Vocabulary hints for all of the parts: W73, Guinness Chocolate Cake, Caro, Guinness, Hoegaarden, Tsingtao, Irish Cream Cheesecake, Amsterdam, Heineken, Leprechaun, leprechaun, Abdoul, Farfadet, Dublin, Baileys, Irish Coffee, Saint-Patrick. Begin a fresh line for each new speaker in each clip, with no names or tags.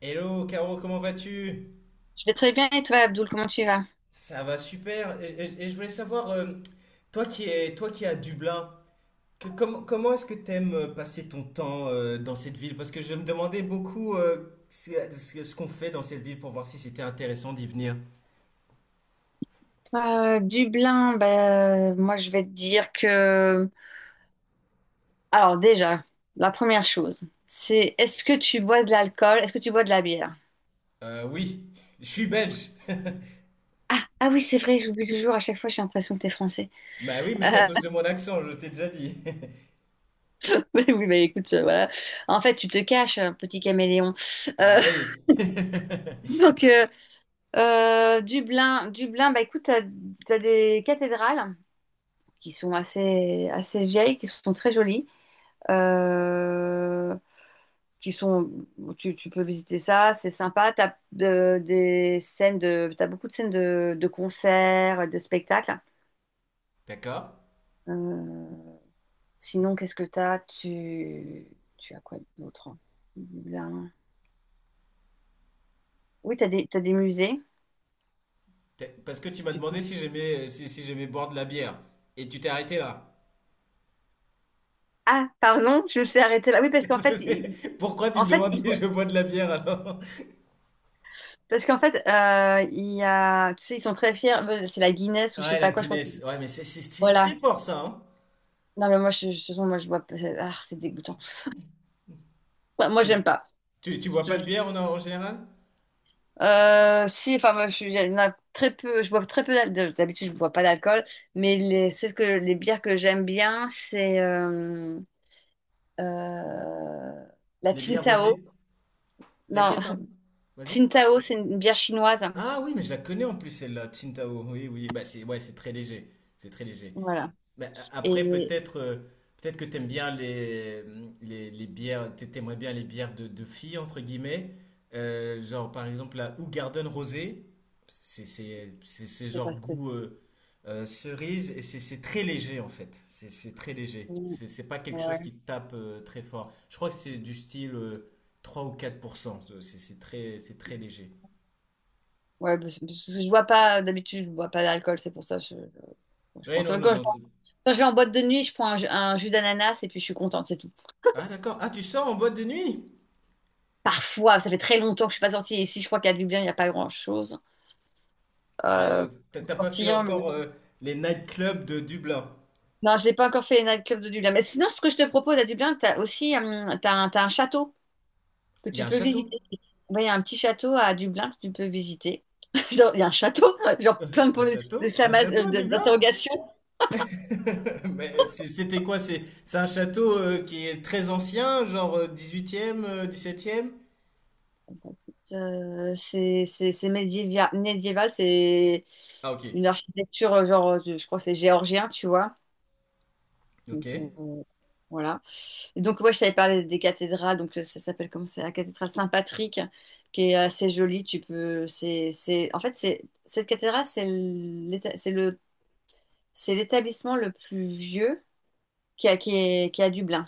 Hello Caro, comment vas-tu?
Je vais très bien et toi, Abdoul, comment tu vas?
Ça va super. Et je voulais savoir, toi qui es à Dublin, comment est-ce que t'aimes passer ton temps dans cette ville? Parce que je me demandais beaucoup ce qu'on fait dans cette ville pour voir si c'était intéressant d'y venir.
Dublin, bah, moi je vais te dire que... Alors déjà, la première chose, c'est est-ce que tu bois de l'alcool? Est-ce que tu bois de la bière?
Oui, je suis belge.
Ah, ah oui, c'est vrai, j'oublie toujours, à chaque fois j'ai l'impression que t'es français.
Bah oui, mais
Euh,
c'est à cause de mon accent, je t'ai déjà dit.
mais oui, bah écoute, voilà. En fait, tu te caches, petit caméléon. Euh,
Ah oui.
donc, Dublin, Dublin, bah écoute, t'as, t'as des cathédrales qui sont assez vieilles, qui sont très jolies. Euh, qui sont, tu peux visiter ça, c'est sympa. T'as des scènes t'as beaucoup de scènes de concerts, de spectacles.
D'accord.
Euh, sinon, qu'est-ce que t'as? Tu as quoi d'autre? Dublin. Oui, t'as des musées.
Parce que tu m'as
Tu
demandé
peux...
si j'aimais si j'aimais boire de la bière. Et tu t'es arrêté là.
Ah, pardon, je me suis arrêtée là. Oui,
Mais pourquoi tu me
en fait,
demandes
il-
si je bois de la bière alors?
parce qu'en fait, il y a, tu sais, ils sont très fiers. C'est la Guinness ou je sais
Ouais, la
pas quoi, je crois. Qu'ils...
Guinness. Ouais, mais c'est
Voilà.
très fort ça, hein?
Non, mais moi, de toute façon, moi, je vois, ah, c'est dégoûtant. Moi,
Tu,
j'aime pas.
tu bois pas de bière en général?
Si, enfin, il y en a très peu, je bois très peu d'habitude, je bois pas d'alcool, mais les bières que j'aime bien, c'est euh, la
Les bières
Tsingtao.
rosées?
Non,
Laquelle, pardon? Vas-y.
Tsingtao, c'est une bière chinoise.
Ah oui, mais je la connais en plus celle-là, Tsingtao. Oui, oui, bah c'est ouais, c'est très léger. C'est très léger.
Voilà.
Mais après,
Et
peut-être que t'aimes bien les bières, t'aimerais bien les bières de filles, entre guillemets. Genre, par exemple, la Hoegaarden Rosé. C'est
c'est pas
genre
que.
goût cerise et c'est très léger, en fait. C'est très léger.
Mm,
C'est pas quelque chose
ouais,
qui te tape très fort. Je crois que c'est du style 3 ou 4 %. C'est très léger.
parce que je bois pas, d'habitude, je bois pas d'alcool, c'est pour ça que je
Ouais,
pense à
non, non,
l'alcool. Je
non.
prends... Quand je vais en boîte de nuit, je prends un, ju- un jus d'ananas et puis je suis contente, c'est tout.
Ah, d'accord. Ah, tu sors en boîte de nuit?
Parfois, ça fait très longtemps que je suis pas sortie, et si je crois qu'à Dublin, il n'y a pas grand-chose
Ah,
euh, pour
t'as pas fait
sortir, mais
encore
bon.
les nightclubs de Dublin.
Non, j'ai pas encore fait les nightclubs de Dublin. Mais sinon, ce que je te propose à Dublin, t'as aussi t'as un château que
Il y
tu
a un
peux
château?
visiter. Ouais, il y a un petit château à Dublin que tu peux visiter. Genre, il y a un château,
Euh,
genre plein de
un
points
château? Un château à Dublin?
d'interrogation.
Mais c'était quoi? C'est un château qui est très ancien, genre 18e, 17e?
Médiéval, c'est
Ah, ok.
une architecture, je crois que c'est géorgien, tu vois.
Ok.
Donc, voilà. Et donc, ouais, je t'avais parlé des cathédrales. Donc, ça s'appelle comment, c'est la cathédrale Saint-Patrick, qui est assez jolie. Tu peux, c'est, en fait, c'est cette cathédrale, c'est l'établissement le plus vieux qui est à Dublin.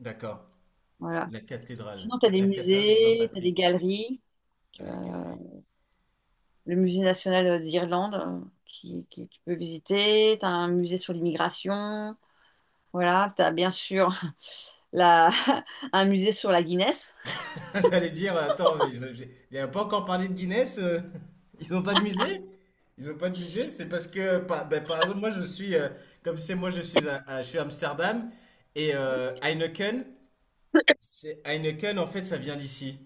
D'accord.
Voilà.
La cathédrale.
Sinon, tu as des
La cathédrale de
musées, tu as des
Saint-Patrick.
galeries. Tu
Ah, les
as
galeries.
le musée national d'Irlande qui tu peux visiter. Tu as un musée sur l'immigration. Voilà. Tu as bien sûr la, un musée sur la Guinness.
J'allais dire, attends, mais pas encore parlé de Guinness. Ils n'ont pas de musée? Ils n'ont pas de musée? C'est parce que, ben, par exemple, moi je suis, comme c'est moi je suis à, je suis à Amsterdam et Heineken, c'est Heineken en fait ça vient d'ici.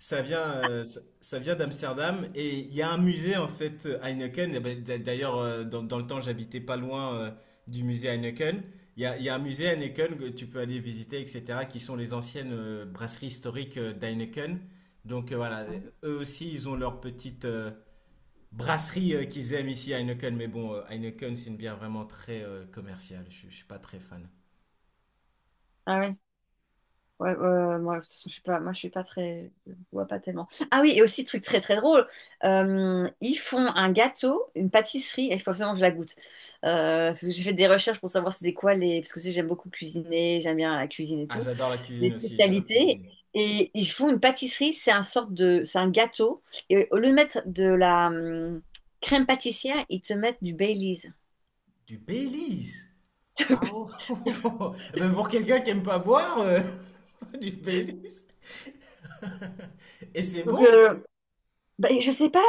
Ça vient, ça vient d'Amsterdam et il y a un musée en fait Heineken. Et ben, d'ailleurs, dans le temps, j'habitais pas loin du musée Heineken. Il y a un musée Heineken que tu peux aller visiter, etc., qui sont les anciennes brasseries historiques d'Heineken. Donc voilà, eux aussi, ils ont leur petite brasserie qu'ils aiment ici à Heineken. Mais bon, Heineken, c'est une bière vraiment très commerciale. Je suis pas très fan.
Ah oui. Ouais, ouais, ouais, moi, de toute façon, je suis pas très, je vois pas tellement. Ah oui, et aussi, truc très, très drôle, ils font un gâteau, une pâtisserie, et il faut absolument que je la goûte. Parce que j'ai fait des recherches pour savoir c'était quoi les, parce que aussi, j'aime beaucoup cuisiner, j'aime bien la cuisine et
Ah,
tout,
j'adore la cuisine
les
aussi, j'adore
spécialités.
cuisiner.
Et ils font une pâtisserie, c'est un gâteau, et au lieu de mettre de la crème pâtissière, ils te mettent du Baileys.
Du Baileys? Ah oh! Eh ben pour quelqu'un qui aime pas boire, du Baileys? Et c'est
Donc,
bon?
bah, je sais pas,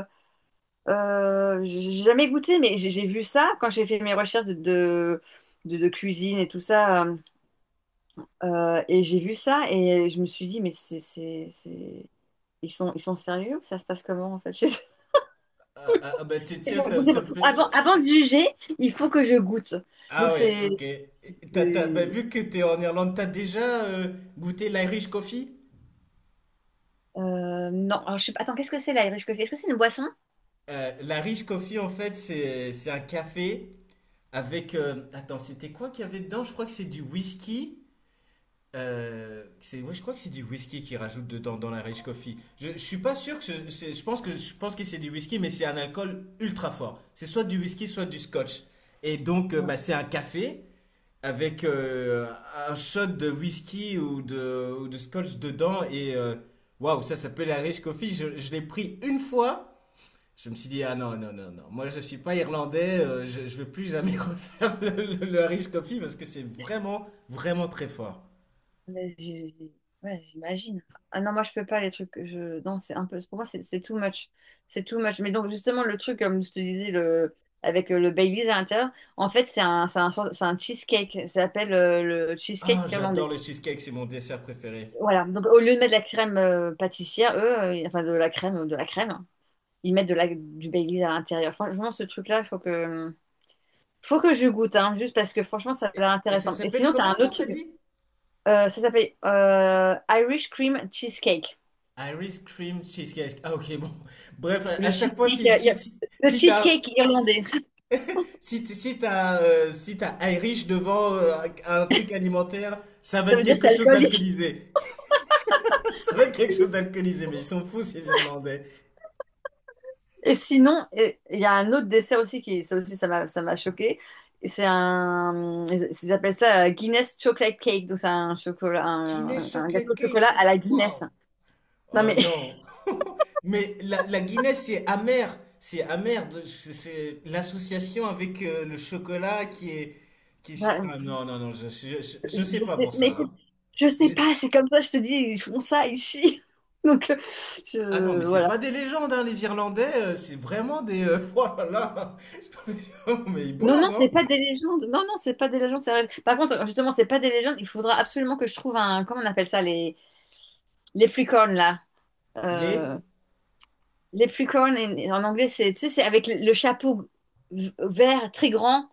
j'ai jamais goûté, mais j'ai vu ça quand j'ai fait mes recherches de cuisine et tout ça. Et j'ai vu ça et je me suis dit, c'est... ils sont, ils sont sérieux ou ça se passe comment en fait chez eux.
Ah, ah, ah, bah tiens,
C'est
ça
bon.
me fait.
Avant de juger, il faut que je goûte. Donc
Ah ouais,
c'est...
ok. Et bah,
c'est...
vu que t'es en Irlande, t'as déjà goûté l'Irish Coffee?
non, alors, je sais pas... Attends, qu'est-ce que c'est l'Irish Coffee? Est-ce que c'est une boisson?
l'Irish Coffee, en fait, c'est un café avec, attends, c'était quoi qu'il y avait dedans? Je crois que c'est du whisky. Ouais, je crois que c'est du whisky qu'ils rajoutent dedans dans la Rich Coffee. Je suis pas sûr que je pense que c'est du whisky, mais c'est un alcool ultra fort. C'est soit du whisky, soit du scotch. Et donc, bah, c'est un café avec un shot de whisky ou ou de scotch dedans. Et waouh, ça s'appelle la Rich Coffee. Je l'ai pris une fois. Je me suis dit, ah non, non, non, non. Moi, je suis pas irlandais. Je veux plus jamais refaire le Irish Coffee parce que c'est vraiment, vraiment très fort.
Mais j'ai- ouais, j'imagine. Ah non, moi je peux pas les trucs. Que je... Non, c'est un peu. Pour moi, c'est too much. C'est too much. Mais donc, justement, le truc, comme je te disais, le... avec le Baileys à l'intérieur, en fait, c'est un cheesecake. Ça s'appelle le
Ah,
cheesecake
j'adore
irlandais.
le cheesecake, c'est mon dessert préféré.
Voilà. Donc, au lieu de mettre de la crème pâtissière, eux, enfin de la crème, hein, ils mettent de la... du Baileys à l'intérieur. Franchement, ce truc-là, faut que je goûte, hein, juste parce que franchement, ça a
Et,
l'air
et ça
intéressant. Et
s'appelle
sinon, tu as
comment
un
encore,
autre
t'as
truc.
dit?
Ça s'appelle Irish Cream Cheesecake.
Irish cream cheesecake. Ah, ok, bon. Bref,
C'est
à
Le
chaque fois,
cheesecake, il le
si t'as,
cheesecake irlandais.
si t'as Irish devant un truc alimentaire, ça va
Ça
être
veut dire c'est
quelque chose
alcoolique.
d'alcoolisé. Ça va être quelque chose d'alcoolisé, mais ils sont fous, ces Irlandais.
Et sinon, il y a un autre dessert aussi qui, ça m'a choqué. Ils ils appellent ça Guinness Chocolate Cake, donc c'est un chocolat,
Guinness
un gâteau
chocolate
de
cake.
chocolat à la Guinness.
Waouh.
Non
Ah
mais,
non. Mais la Guinness, c'est amer. C'est amer. C'est l'association avec le chocolat qui est,
bah,
ah non, non, non, je
je
sais pas
sais,
pour
mais
ça,
écoute,
hein.
je sais
Je-
pas, c'est comme ça, je te dis, ils font ça ici. Donc,
Ah non, mais c'est
voilà.
pas des légendes, hein, les Irlandais. C'est vraiment des, oh là là. Mais ils
Non, non,
boivent,
c'est
hein?
pas des légendes. Non, non, c'est pas des légendes, c'est vrai. Par contre, justement, c'est pas des légendes. Il faudra absolument que je trouve un, comment on appelle ça, les Leprechaun, là.
Les...
Euh, Leprechaun, en en anglais, c'est, tu sais, c'est avec le chapeau vert très grand,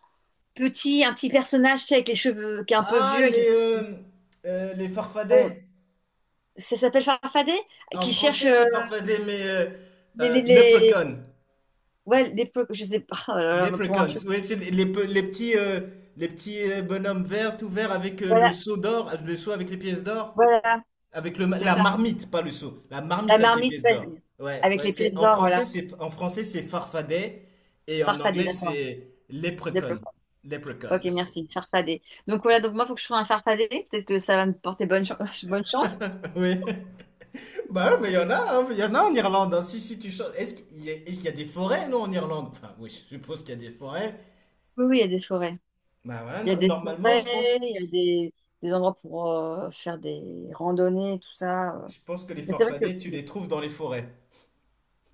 petit, un petit personnage, tu sais, avec les cheveux, qui est un peu
Ah,
vieux. Avec les...
les
cheveux- euh,
farfadets.
ça s'appelle Farfadet,
En
qui cherche
français, c'est farfadet, mais,
les, les, les-
leprechaun.
ouais, les... je sais pas, oh là là, pour un
Leprechauns,
truc.
ouais, c'est les les petits bonhommes verts, tout verts avec le
Voilà,
seau d'or, le seau avec les pièces d'or,
voilà,
avec
c'est
la
ça.
marmite, pas le seau, la
La
marmite avec les
marmite,
pièces
ouais,
d'or. Ouais,
avec
ouais,
les pièces
c'est en
d'or, voilà.
français, c'est farfadet et en
Farfadet,
anglais
d'accord.
c'est leprechaun,
Leprechaun.
leprechaun.
Ok, merci. Farfadet. Donc voilà, donc moi, il faut que je trouve un farfadet. Peut-être que ça va me porter bonne chance.
Oui. Bah ouais, mais il y en a, hein, il y en a en Irlande, hein. Si tu chantes, est-ce qu'il y a, est-ce qu'il y a des forêts non en Irlande? Enfin, oui, je suppose qu'il y a des forêts.
Oui, oui, il y a des forêts.
Bah voilà,
Il y a des
normalement,
forêts, il y a des endroits pour faire des randonnées, tout ça.
je pense que les
Mais c'est vrai que,
farfadets, tu
bon,
les trouves dans les forêts.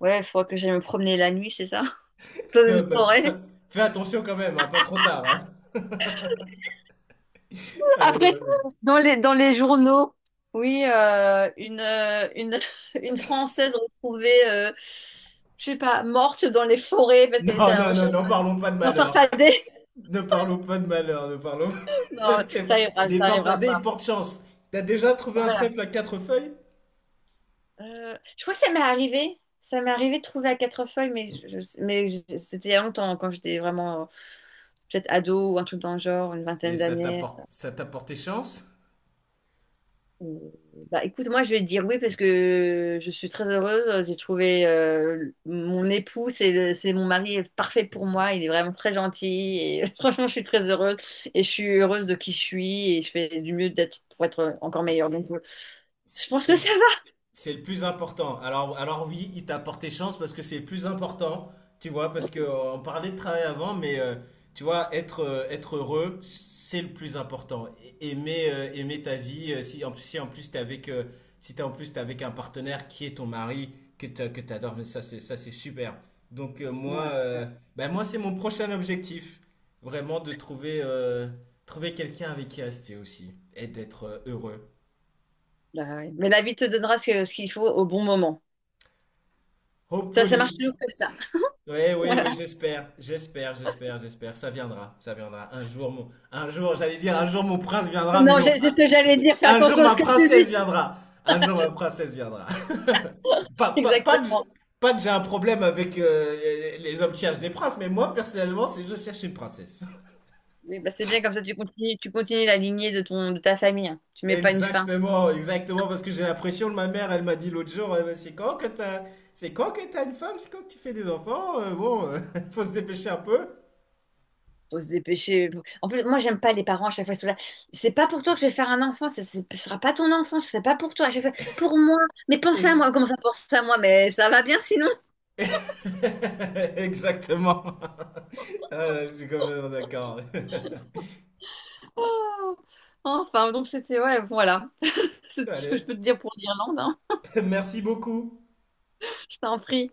ouais, il faudra que j'aille me promener la nuit, c'est ça? Dans une
Bah,
forêt.
fais attention quand même, hein, pas trop tard, hein. Ah,
Après,
non,
dans les journaux, oui, une Française retrouvée, je sais pas, morte dans les forêts parce qu'elle était
non,
à la
non, non,
recherche
non, parlons pas de
de
malheur.
farfadet.
Ne parlons pas de malheur, ne parlons pas
Non,
de malheur. Les
ça arrivera
farfadets, ils
pas.
portent chance. T'as déjà trouvé un
Voilà.
trèfle à quatre feuilles?
Je crois que ça m'est arrivé. Ça m'est arrivé de trouver à quatre feuilles, c'était il y a longtemps, quand j'étais vraiment peut-être ado ou un truc dans le genre, une vingtaine
Et ça
d'années.
t'apporte, ça t'a porté chance?
Euh, Bah, écoute, moi je vais te dire oui parce que je suis très heureuse. J'ai trouvé mon époux, c'est mon mari est parfait pour moi. Il est vraiment très gentil et franchement, je suis très heureuse et je suis heureuse de qui je suis et je fais du mieux d'être pour être encore meilleure. Donc, je pense que ça
C'est C'est le plus important. Alors, oui, il t'a porté chance parce que c'est le plus important, tu vois, parce
va.
que on parlait de travail avant, mais tu vois, être heureux, c'est le plus important. Aimer, aimer ta vie, si en plus t'es avec, si t'es en plus t'es avec un partenaire qui est ton mari, que t'adores, mais ça c'est super. Donc
Ouais,
moi,
ouais,
ben moi c'est mon prochain objectif, vraiment de trouver quelqu'un avec qui rester aussi et d'être heureux.
bah ouais. Mais la vie te donnera ce qu'il faut au bon moment. Ça marche
Hopefully.
toujours comme ça.
Oui, oui, oui,
Voilà.
j'espère, j'espère, j'espère, j'espère. Ça viendra, ça viendra. Un jour, j'allais dire, un jour mon prince viendra, mais
Non,
non.
c'est ce que
Un,
j'allais dire. Fais
un jour
attention à
ma
ce que tu
princesse
dis.
viendra. Un jour ma princesse viendra. Pas, pas, pas que, j-
Exactement.
pas que j'ai un problème avec les hommes qui cherchent des princes, mais moi, personnellement, c'est je cherche une princesse.
Mais bah, c'est bien comme ça, tu continues la lignée de ton, de ta famille, hein. Tu mets pas une fin.
Exactement, exactement, parce que j'ai l'impression que ma mère, elle m'a dit l'autre jour, c'est quand que t'as une femme, c'est quand que tu fais des enfants, faut se dépêcher un peu.
Faut se dépêcher. En plus, moi, j'aime pas les parents, à chaque fois ils sont là, c'est pas pour toi que je vais faire un enfant. Ce sera pas ton enfant. C'est pas pour toi. À chaque fois, pour moi. Mais pense à moi. Comment ça pense à moi? Mais ça va bien sinon.
Exactement. Ah, là, je suis complètement d'accord.
Oh. Enfin, donc c'était ouais, voilà. C'est tout ce que
Allez,
je peux te dire pour l'Irlande, hein.
merci beaucoup.
Je t'en prie.